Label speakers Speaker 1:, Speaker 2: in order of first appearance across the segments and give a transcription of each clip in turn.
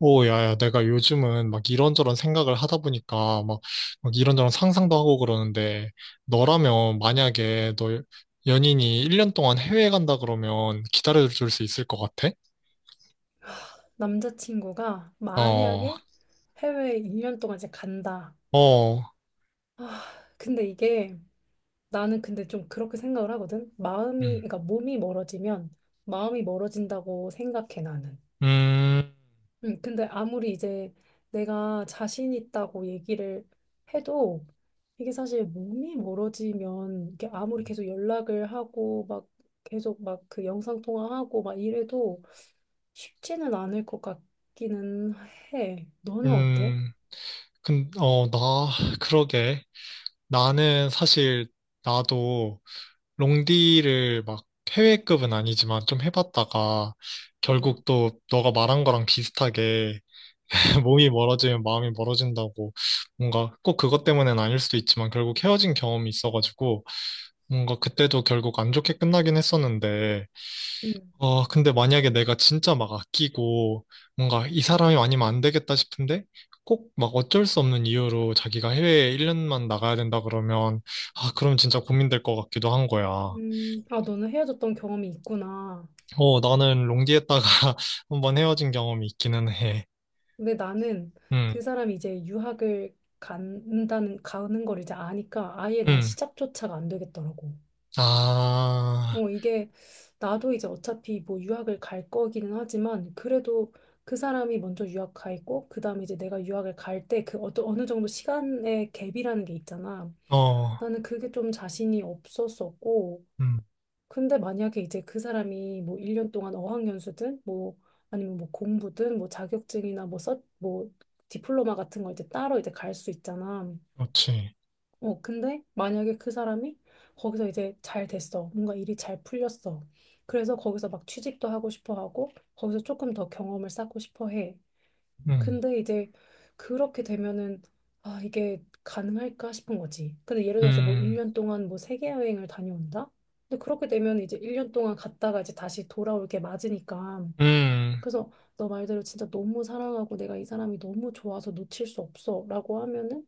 Speaker 1: 오, 야, 야, 내가 요즘은 막 이런저런 생각을 하다 보니까 막 이런저런 상상도 하고 그러는데, 너라면 만약에 너 연인이 1년 동안 해외에 간다 그러면 기다려줄 수 있을 것 같아?
Speaker 2: 남자친구가
Speaker 1: 어,
Speaker 2: 만약에 해외에 1년 동안 이제 간다.
Speaker 1: 어.
Speaker 2: 아, 근데 이게 나는 근데 좀 그렇게 생각을 하거든. 마음이,
Speaker 1: 음.
Speaker 2: 그러니까 몸이 멀어지면 마음이 멀어진다고 생각해, 나는.
Speaker 1: 음.
Speaker 2: 근데 아무리 이제 내가 자신 있다고 얘기를 해도 이게 사실 몸이 멀어지면 이게 아무리 계속 연락을 하고 막 계속 막 그 영상통화하고 막 이래도 쉽지는 않을 것 같기는 해. 너는 어때?
Speaker 1: 음. 근, 어, 나, 그러게. 나는 사실, 나도 롱디를 막 해외급은 아니지만 좀 해봤다가,
Speaker 2: 음,
Speaker 1: 결국 또 너가 말한 거랑 비슷하게 몸이 멀어지면 마음이 멀어진다고, 뭔가 꼭 그것 때문는 아닐 수도 있지만 결국 헤어진 경험이 있어가지고, 뭔가 그때도 결국 안 좋게 끝나긴 했었는데.
Speaker 2: 음,
Speaker 1: 근데 만약에 내가 진짜 막 아끼고 뭔가 이 사람이 아니면 안 되겠다 싶은데, 꼭 막 어쩔 수 없는 이유로 자기가 해외에 1년만 나가야 된다 그러면, 아 그럼 진짜 고민될 것 같기도 한 거야.
Speaker 2: 아, 너는 헤어졌던 경험이 있구나.
Speaker 1: 나는 롱디에다가 한번 헤어진 경험이 있기는 해.
Speaker 2: 근데 나는
Speaker 1: 음.
Speaker 2: 그 사람이 이제 유학을 간다는, 가는 걸 이제 아니까 아예 난
Speaker 1: 음.
Speaker 2: 시작조차가 안 되겠더라고.
Speaker 1: 아.
Speaker 2: 어, 이게 나도 이제 어차피 뭐 유학을 갈 거기는 하지만 그래도 그 사람이 먼저 유학 가 있고 그다음에 이제 내가 유학을 갈 때 그 어떤 어느 정도 시간의 갭이라는 게 있잖아.
Speaker 1: 어.
Speaker 2: 나는 그게 좀 자신이 없었었고,
Speaker 1: 음.
Speaker 2: 근데 만약에 이제 그 사람이 뭐 1년 동안 어학연수든 뭐 아니면 뭐 공부든 뭐 자격증이나 뭐 뭐 디플로마 같은 걸 이제 따로 이제 갈 수 있잖아.
Speaker 1: 그렇지.
Speaker 2: 어, 근데 만약에 그 사람이 거기서 이제 잘 됐어. 뭔가 일이 잘 풀렸어. 그래서 거기서 막 취직도 하고 싶어 하고 거기서 조금 더 경험을 쌓고 싶어 해.
Speaker 1: 음.
Speaker 2: 근데 이제 그렇게 되면은 아 이게 가능할까 싶은 거지. 근데 예를 들어서 뭐
Speaker 1: 음.
Speaker 2: 1년 동안 뭐 세계 여행을 다녀온다? 근데 그렇게 되면 이제 1년 동안 갔다가 이제 다시 돌아올 게 맞으니까.
Speaker 1: 음.
Speaker 2: 그래서 너 말대로 진짜 너무 사랑하고 내가 이 사람이 너무 좋아서 놓칠 수 없어라고 하면은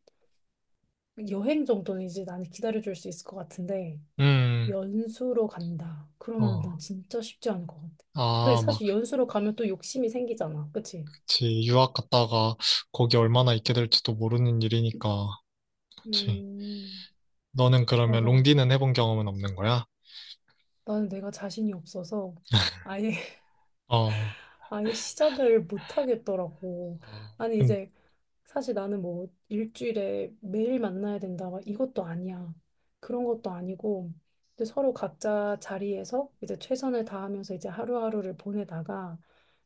Speaker 2: 여행 정도는 이제 나는 기다려줄 수 있을 것 같은데,
Speaker 1: 음.
Speaker 2: 연수로 간다. 그러면은
Speaker 1: 어.
Speaker 2: 난 진짜 쉽지 않을 것 같아. 근데
Speaker 1: 아, 막,
Speaker 2: 사실 연수로 가면 또 욕심이 생기잖아. 그치?
Speaker 1: 그치. 유학 갔다가 거기 얼마나 있게 될지도 모르는 일이니까. 그치.
Speaker 2: 음,
Speaker 1: 너는 그러면
Speaker 2: 맞아, 맞아.
Speaker 1: 롱디는 해본 경험은 없는 거야?
Speaker 2: 나는 내가 자신이 없어서 아예
Speaker 1: 어,
Speaker 2: 아예 시작을 못 하겠더라고.
Speaker 1: 어.
Speaker 2: 아니 이제 사실 나는 뭐 일주일에 매일 만나야 된다 막 이것도 아니야. 그런 것도 아니고 이제 서로 각자 자리에서 이제 최선을 다하면서 이제 하루하루를 보내다가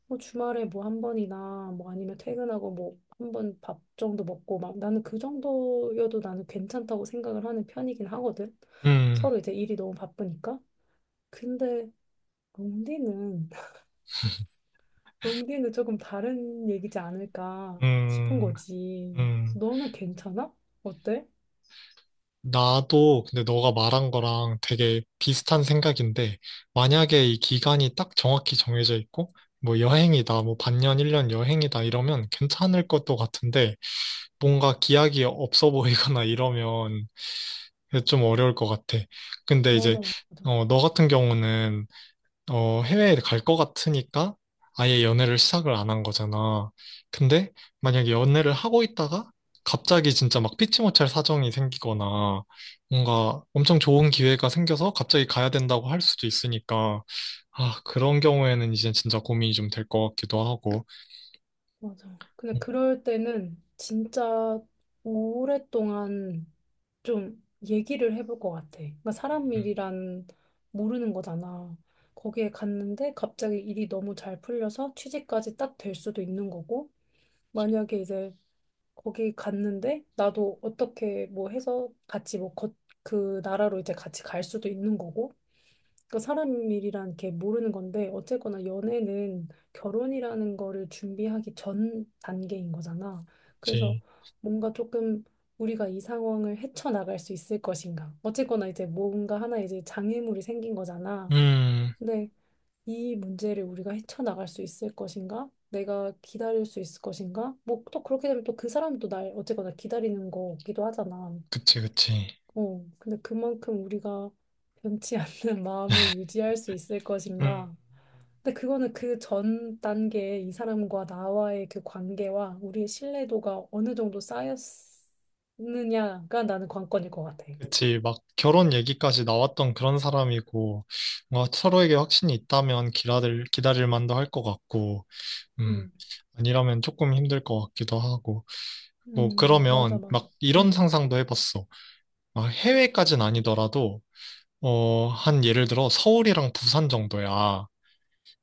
Speaker 2: 뭐 주말에 뭐 한 번이나 뭐 아니면 퇴근하고 뭐 한 번 밥 정도 먹고 막 나는 그 정도여도 나는 괜찮다고 생각을 하는 편이긴 하거든.
Speaker 1: 음.
Speaker 2: 서로 이제 일이 너무 바쁘니까. 근데 롱디는, 롱디는 조금 다른 얘기지 않을까 싶은
Speaker 1: 음.
Speaker 2: 거지.
Speaker 1: 음.
Speaker 2: 너는 괜찮아? 어때?
Speaker 1: 나도 근데 너가 말한 거랑 되게 비슷한 생각인데, 만약에 이 기간이 딱 정확히 정해져 있고, 뭐 여행이다, 뭐 반년, 1년 여행이다 이러면 괜찮을 것도 같은데, 뭔가 기약이 없어 보이거나 이러면 좀 어려울 것 같아. 근데
Speaker 2: 맞아,
Speaker 1: 이제
Speaker 2: 맞아,
Speaker 1: 너 같은 경우는, 해외에 갈 것 같으니까 아예 연애를 시작을 안 한 거잖아. 근데 만약에 연애를 하고 있다가 갑자기 진짜 막 피치 못할 사정이 생기거나 뭔가 엄청 좋은 기회가 생겨서 갑자기 가야 된다고 할 수도 있으니까, 아, 그런 경우에는 이제 진짜 고민이 좀 될 것 같기도 하고.
Speaker 2: 맞아. 근데
Speaker 1: 음.
Speaker 2: 그럴 때는 진짜 오랫동안 좀 얘기를 해볼 것 같아. 그러니까 사람
Speaker 1: 음.
Speaker 2: 일이란 모르는 거잖아. 거기에 갔는데 갑자기 일이 너무 잘 풀려서 취직까지 딱 될 수도 있는 거고, 만약에 이제 거기 갔는데 나도 어떻게 뭐 해서 같이 뭐 거, 그 나라로 이제 같이 갈 수도 있는 거고 그 사람 일이란 게 모르는 건데 어쨌거나 연애는 결혼이라는 거를 준비하기 전 단계인 거잖아. 그래서
Speaker 1: 그치.
Speaker 2: 뭔가 조금 우리가 이 상황을 헤쳐나갈 수 있을 것인가. 어쨌거나 이제 뭔가 하나 이제 장애물이 생긴 거잖아.
Speaker 1: 음.
Speaker 2: 근데 이 문제를 우리가 헤쳐나갈 수 있을 것인가? 내가 기다릴 수 있을 것인가? 뭐 또 그렇게 되면 또 그 사람도 날 어쨌거나 기다리는 거기도 하잖아.
Speaker 1: 그치, 그치.
Speaker 2: 어, 근데 그만큼 우리가 변치 않는 마음을 유지할 수 있을
Speaker 1: 음. 음.
Speaker 2: 것인가? 근데 그거는 그 전 단계에 이 사람과 나와의 그 관계와 우리의 신뢰도가 어느 정도 쌓였느냐가 나는 관건일 것 같아.
Speaker 1: 그치. 막 결혼 얘기까지 나왔던 그런 사람이고, 뭔가 서로에게 확신이 있다면 기다릴 만도 할 것 같고, 음,
Speaker 2: 음,
Speaker 1: 아니라면 조금 힘들 것 같기도 하고. 뭐,
Speaker 2: 맞아,
Speaker 1: 그러면
Speaker 2: 맞아.
Speaker 1: 막 이런
Speaker 2: 음,
Speaker 1: 상상도 해봤어. 막 해외까진 아니더라도, 한 예를 들어 서울이랑 부산 정도야.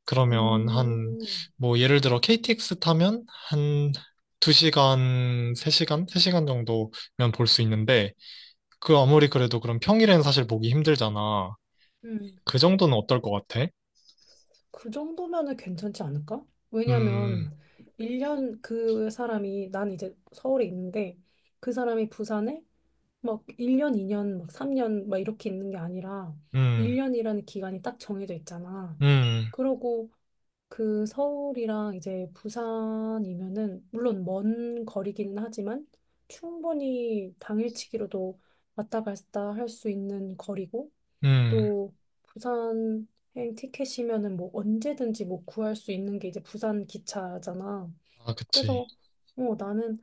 Speaker 1: 그러면 한,
Speaker 2: 음,
Speaker 1: 뭐, 예를 들어 KTX 타면 한 2시간, 세 시간 3시간 정도면 볼 수 있는데, 그 아무리 그래도 그럼 평일엔 사실 보기 힘들잖아.
Speaker 2: 음.
Speaker 1: 그 정도는 어떨 것 같아?
Speaker 2: 그 정도면은 괜찮지 않을까?
Speaker 1: 음.
Speaker 2: 왜냐면 1년 그 사람이 난 이제 서울에 있는데 그 사람이 부산에 막 1년, 2년, 막 3년 막 이렇게 있는 게 아니라
Speaker 1: 음.
Speaker 2: 1년이라는 기간이 딱 정해져 있잖아.
Speaker 1: 음.
Speaker 2: 그러고 그 서울이랑 이제 부산이면은 물론 먼 거리기는 하지만 충분히 당일치기로도 왔다 갔다 할 수 있는 거리고
Speaker 1: 음.
Speaker 2: 또 부산 여행 티켓이면은 뭐 언제든지 뭐 구할 수 있는 게 이제 부산 기차잖아.
Speaker 1: 아, 그치.
Speaker 2: 그래서 어 나는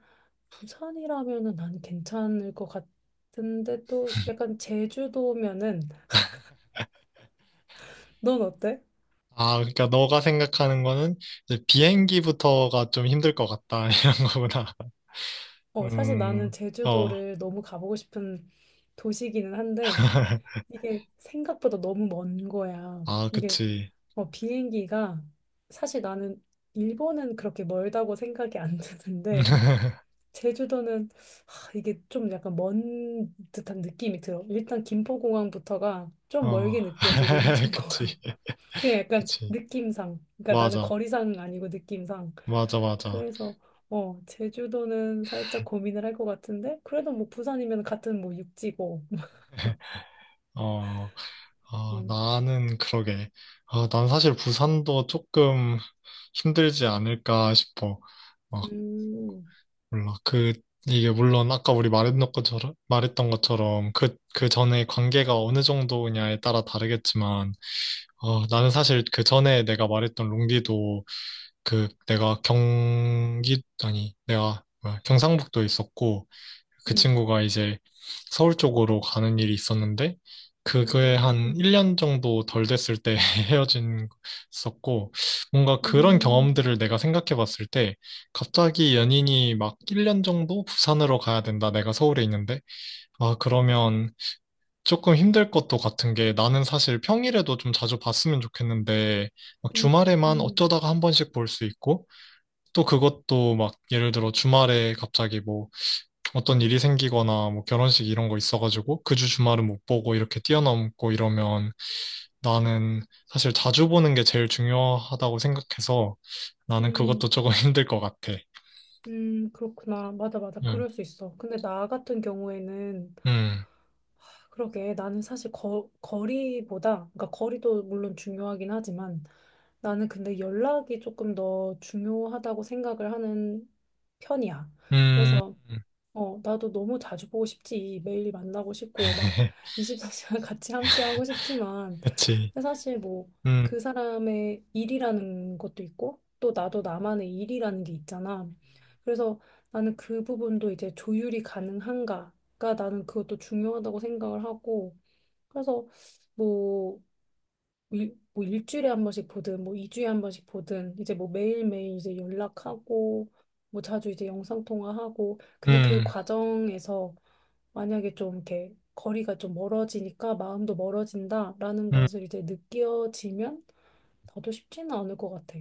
Speaker 2: 부산이라면은 난 괜찮을 것 같은데 또 약간 제주도면은 넌 어때?
Speaker 1: 아, 그러니까 너가 생각하는 거는 이제 비행기부터가 좀 힘들 것 같다 이런 거구나.
Speaker 2: 어 사실
Speaker 1: 음.
Speaker 2: 나는
Speaker 1: 어.
Speaker 2: 제주도를 너무 가보고 싶은 도시기는 한데 이게 생각보다 너무 먼 거야.
Speaker 1: 아,
Speaker 2: 이게
Speaker 1: 그치.
Speaker 2: 어 비행기가 사실 나는 일본은 그렇게 멀다고 생각이 안 드는데 제주도는 하, 이게 좀 약간 먼 듯한 느낌이 들어. 일단 김포공항부터가 좀
Speaker 1: 어.
Speaker 2: 멀게 느껴지고
Speaker 1: 그치,
Speaker 2: 인천공항 그냥 약간
Speaker 1: 그치.
Speaker 2: 느낌상. 그러니까 나는
Speaker 1: 맞아,
Speaker 2: 거리상 아니고 느낌상.
Speaker 1: 맞아, 맞아.
Speaker 2: 그래서 어 제주도는 살짝 고민을 할 것 같은데 그래도 뭐 부산이면 같은 뭐 육지고.
Speaker 1: 어. 아,
Speaker 2: 음.
Speaker 1: 나는 그러게. 아, 난 사실 부산도 조금 힘들지 않을까 싶어. 막
Speaker 2: 음.
Speaker 1: 몰라, 그 이게 물론 아까 우리 말했던 것처럼 그 전에 관계가 어느 정도냐에 따라 다르겠지만, 나는 사실 그 전에 내가 말했던 롱디도, 그 내가 경기 아니 내가 뭐야, 경상북도에 있었고 그
Speaker 2: 음.
Speaker 1: 친구가 이제 서울 쪽으로 가는 일이 있었는데, 그게 한
Speaker 2: 음.
Speaker 1: 1년 정도 덜 됐을 때 헤어진 있었고. 뭔가 그런
Speaker 2: 음.
Speaker 1: 경험들을 내가 생각해 봤을 때, 갑자기 연인이 막 1년 정도 부산으로 가야 된다, 내가 서울에 있는데. 아 그러면 조금 힘들 것도 같은 게, 나는 사실 평일에도 좀 자주 봤으면 좋겠는데 막
Speaker 2: 음.
Speaker 1: 주말에만
Speaker 2: 음.
Speaker 1: 어쩌다가 한 번씩 볼 수 있고, 또 그것도 막 예를 들어 주말에 갑자기 뭐 어떤 일이 생기거나 뭐 결혼식 이런 거 있어가지고 그 주 주말은 못 보고 이렇게 뛰어넘고 이러면, 나는 사실 자주 보는 게 제일 중요하다고 생각해서 나는
Speaker 2: 음.
Speaker 1: 그것도 조금 힘들 것 같아.
Speaker 2: 음. 그렇구나. 맞아, 맞아.
Speaker 1: 응.
Speaker 2: 그럴 수 있어. 근데 나 같은 경우에는
Speaker 1: 음.
Speaker 2: 그러게 나는 사실 거, 거리보다 그러니까 거리도 물론 중요하긴 하지만 나는 근데 연락이 조금 더 중요하다고 생각을 하는 편이야.
Speaker 1: 음.
Speaker 2: 그래서 어, 나도 너무 자주 보고 싶지. 매일 만나고 싶고, 막 24시간 같이 함께 하고 싶지만,
Speaker 1: 그치.
Speaker 2: 근데 사실 뭐
Speaker 1: 음.
Speaker 2: 그 사람의 일이라는 것도 있고, 또 나도 나만의 일이라는 게 있잖아. 그래서 나는 그 부분도 이제 조율이 가능한가가 나는 그것도 중요하다고 생각을 하고, 그래서 뭐 일, 뭐 일주일에 한 번씩 보든 뭐 2주에 한 번씩 보든 이제 뭐 매일매일 이제 연락하고 뭐 자주 이제 영상통화하고 근데 그
Speaker 1: 음. 음.
Speaker 2: 과정에서 만약에 좀 이렇게 거리가 좀 멀어지니까 마음도 멀어진다라는
Speaker 1: 음.
Speaker 2: 것을 이제 느껴지면 나도 쉽지는 않을 것 같아.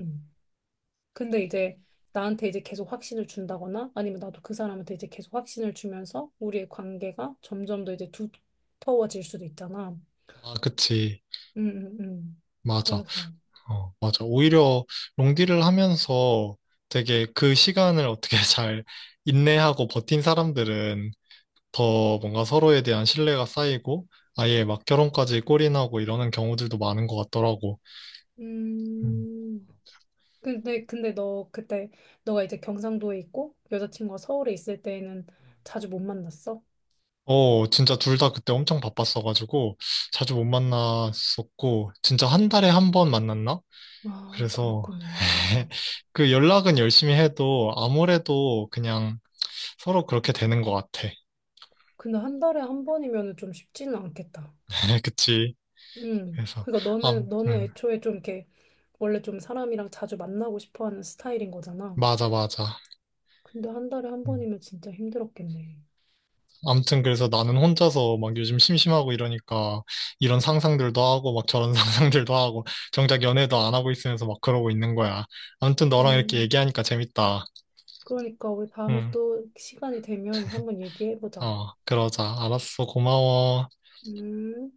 Speaker 2: 음. 근데 이제 나한테 이제 계속 확신을 준다거나 아니면 나도 그 사람한테 이제 계속 확신을 주면서 우리의 관계가 점점 더 이제 두터워질 수도 있잖아.
Speaker 1: 아, 그치.
Speaker 2: 음, 음, 음.
Speaker 1: 맞아.
Speaker 2: 그래서.
Speaker 1: 어, 맞아. 오히려 롱디를 하면서 되게 그 시간을 어떻게 잘 인내하고 버틴 사람들은 더 뭔가 서로에 대한 신뢰가 쌓이고 아예 막 결혼까지 골인하고 이러는 경우들도 많은 것 같더라고. 음.
Speaker 2: 음, 근데, 근데 너 그때, 너가 이제 경상도에 있고, 여자친구가 서울에 있을 때에는 자주 못 만났어?
Speaker 1: 어, 진짜 둘 다 그때 엄청 바빴어가지고 자주 못 만났었고, 진짜 한 달에 한 번 만났나?
Speaker 2: 아,
Speaker 1: 그래서
Speaker 2: 그랬구나.
Speaker 1: 그 연락은 열심히 해도 아무래도 그냥 서로 그렇게 되는 것 같아.
Speaker 2: 근데 한 달에 한 번이면은 좀 쉽지는 않겠다.
Speaker 1: 그치?
Speaker 2: 응.
Speaker 1: 그래서.
Speaker 2: 그러니까
Speaker 1: 아.
Speaker 2: 너는, 너는
Speaker 1: 음.
Speaker 2: 애초에 좀 이렇게, 원래 좀 사람이랑 자주 만나고 싶어 하는 스타일인 거잖아.
Speaker 1: 맞아, 맞아.
Speaker 2: 근데 한 달에 한
Speaker 1: 음.
Speaker 2: 번이면 진짜 힘들었겠네.
Speaker 1: 아무튼 그래서 나는 혼자서 막 요즘 심심하고 이러니까 이런 상상들도 하고 막 저런 상상들도 하고 정작 연애도 안 하고 있으면서 막 그러고 있는 거야. 아무튼 너랑 이렇게
Speaker 2: 음,
Speaker 1: 얘기하니까 재밌다.
Speaker 2: 그러니까 우리 다음에
Speaker 1: 응.
Speaker 2: 또 시간이 되면 한번 얘기해보자.
Speaker 1: 어, 그러자. 알았어. 고마워.
Speaker 2: 음.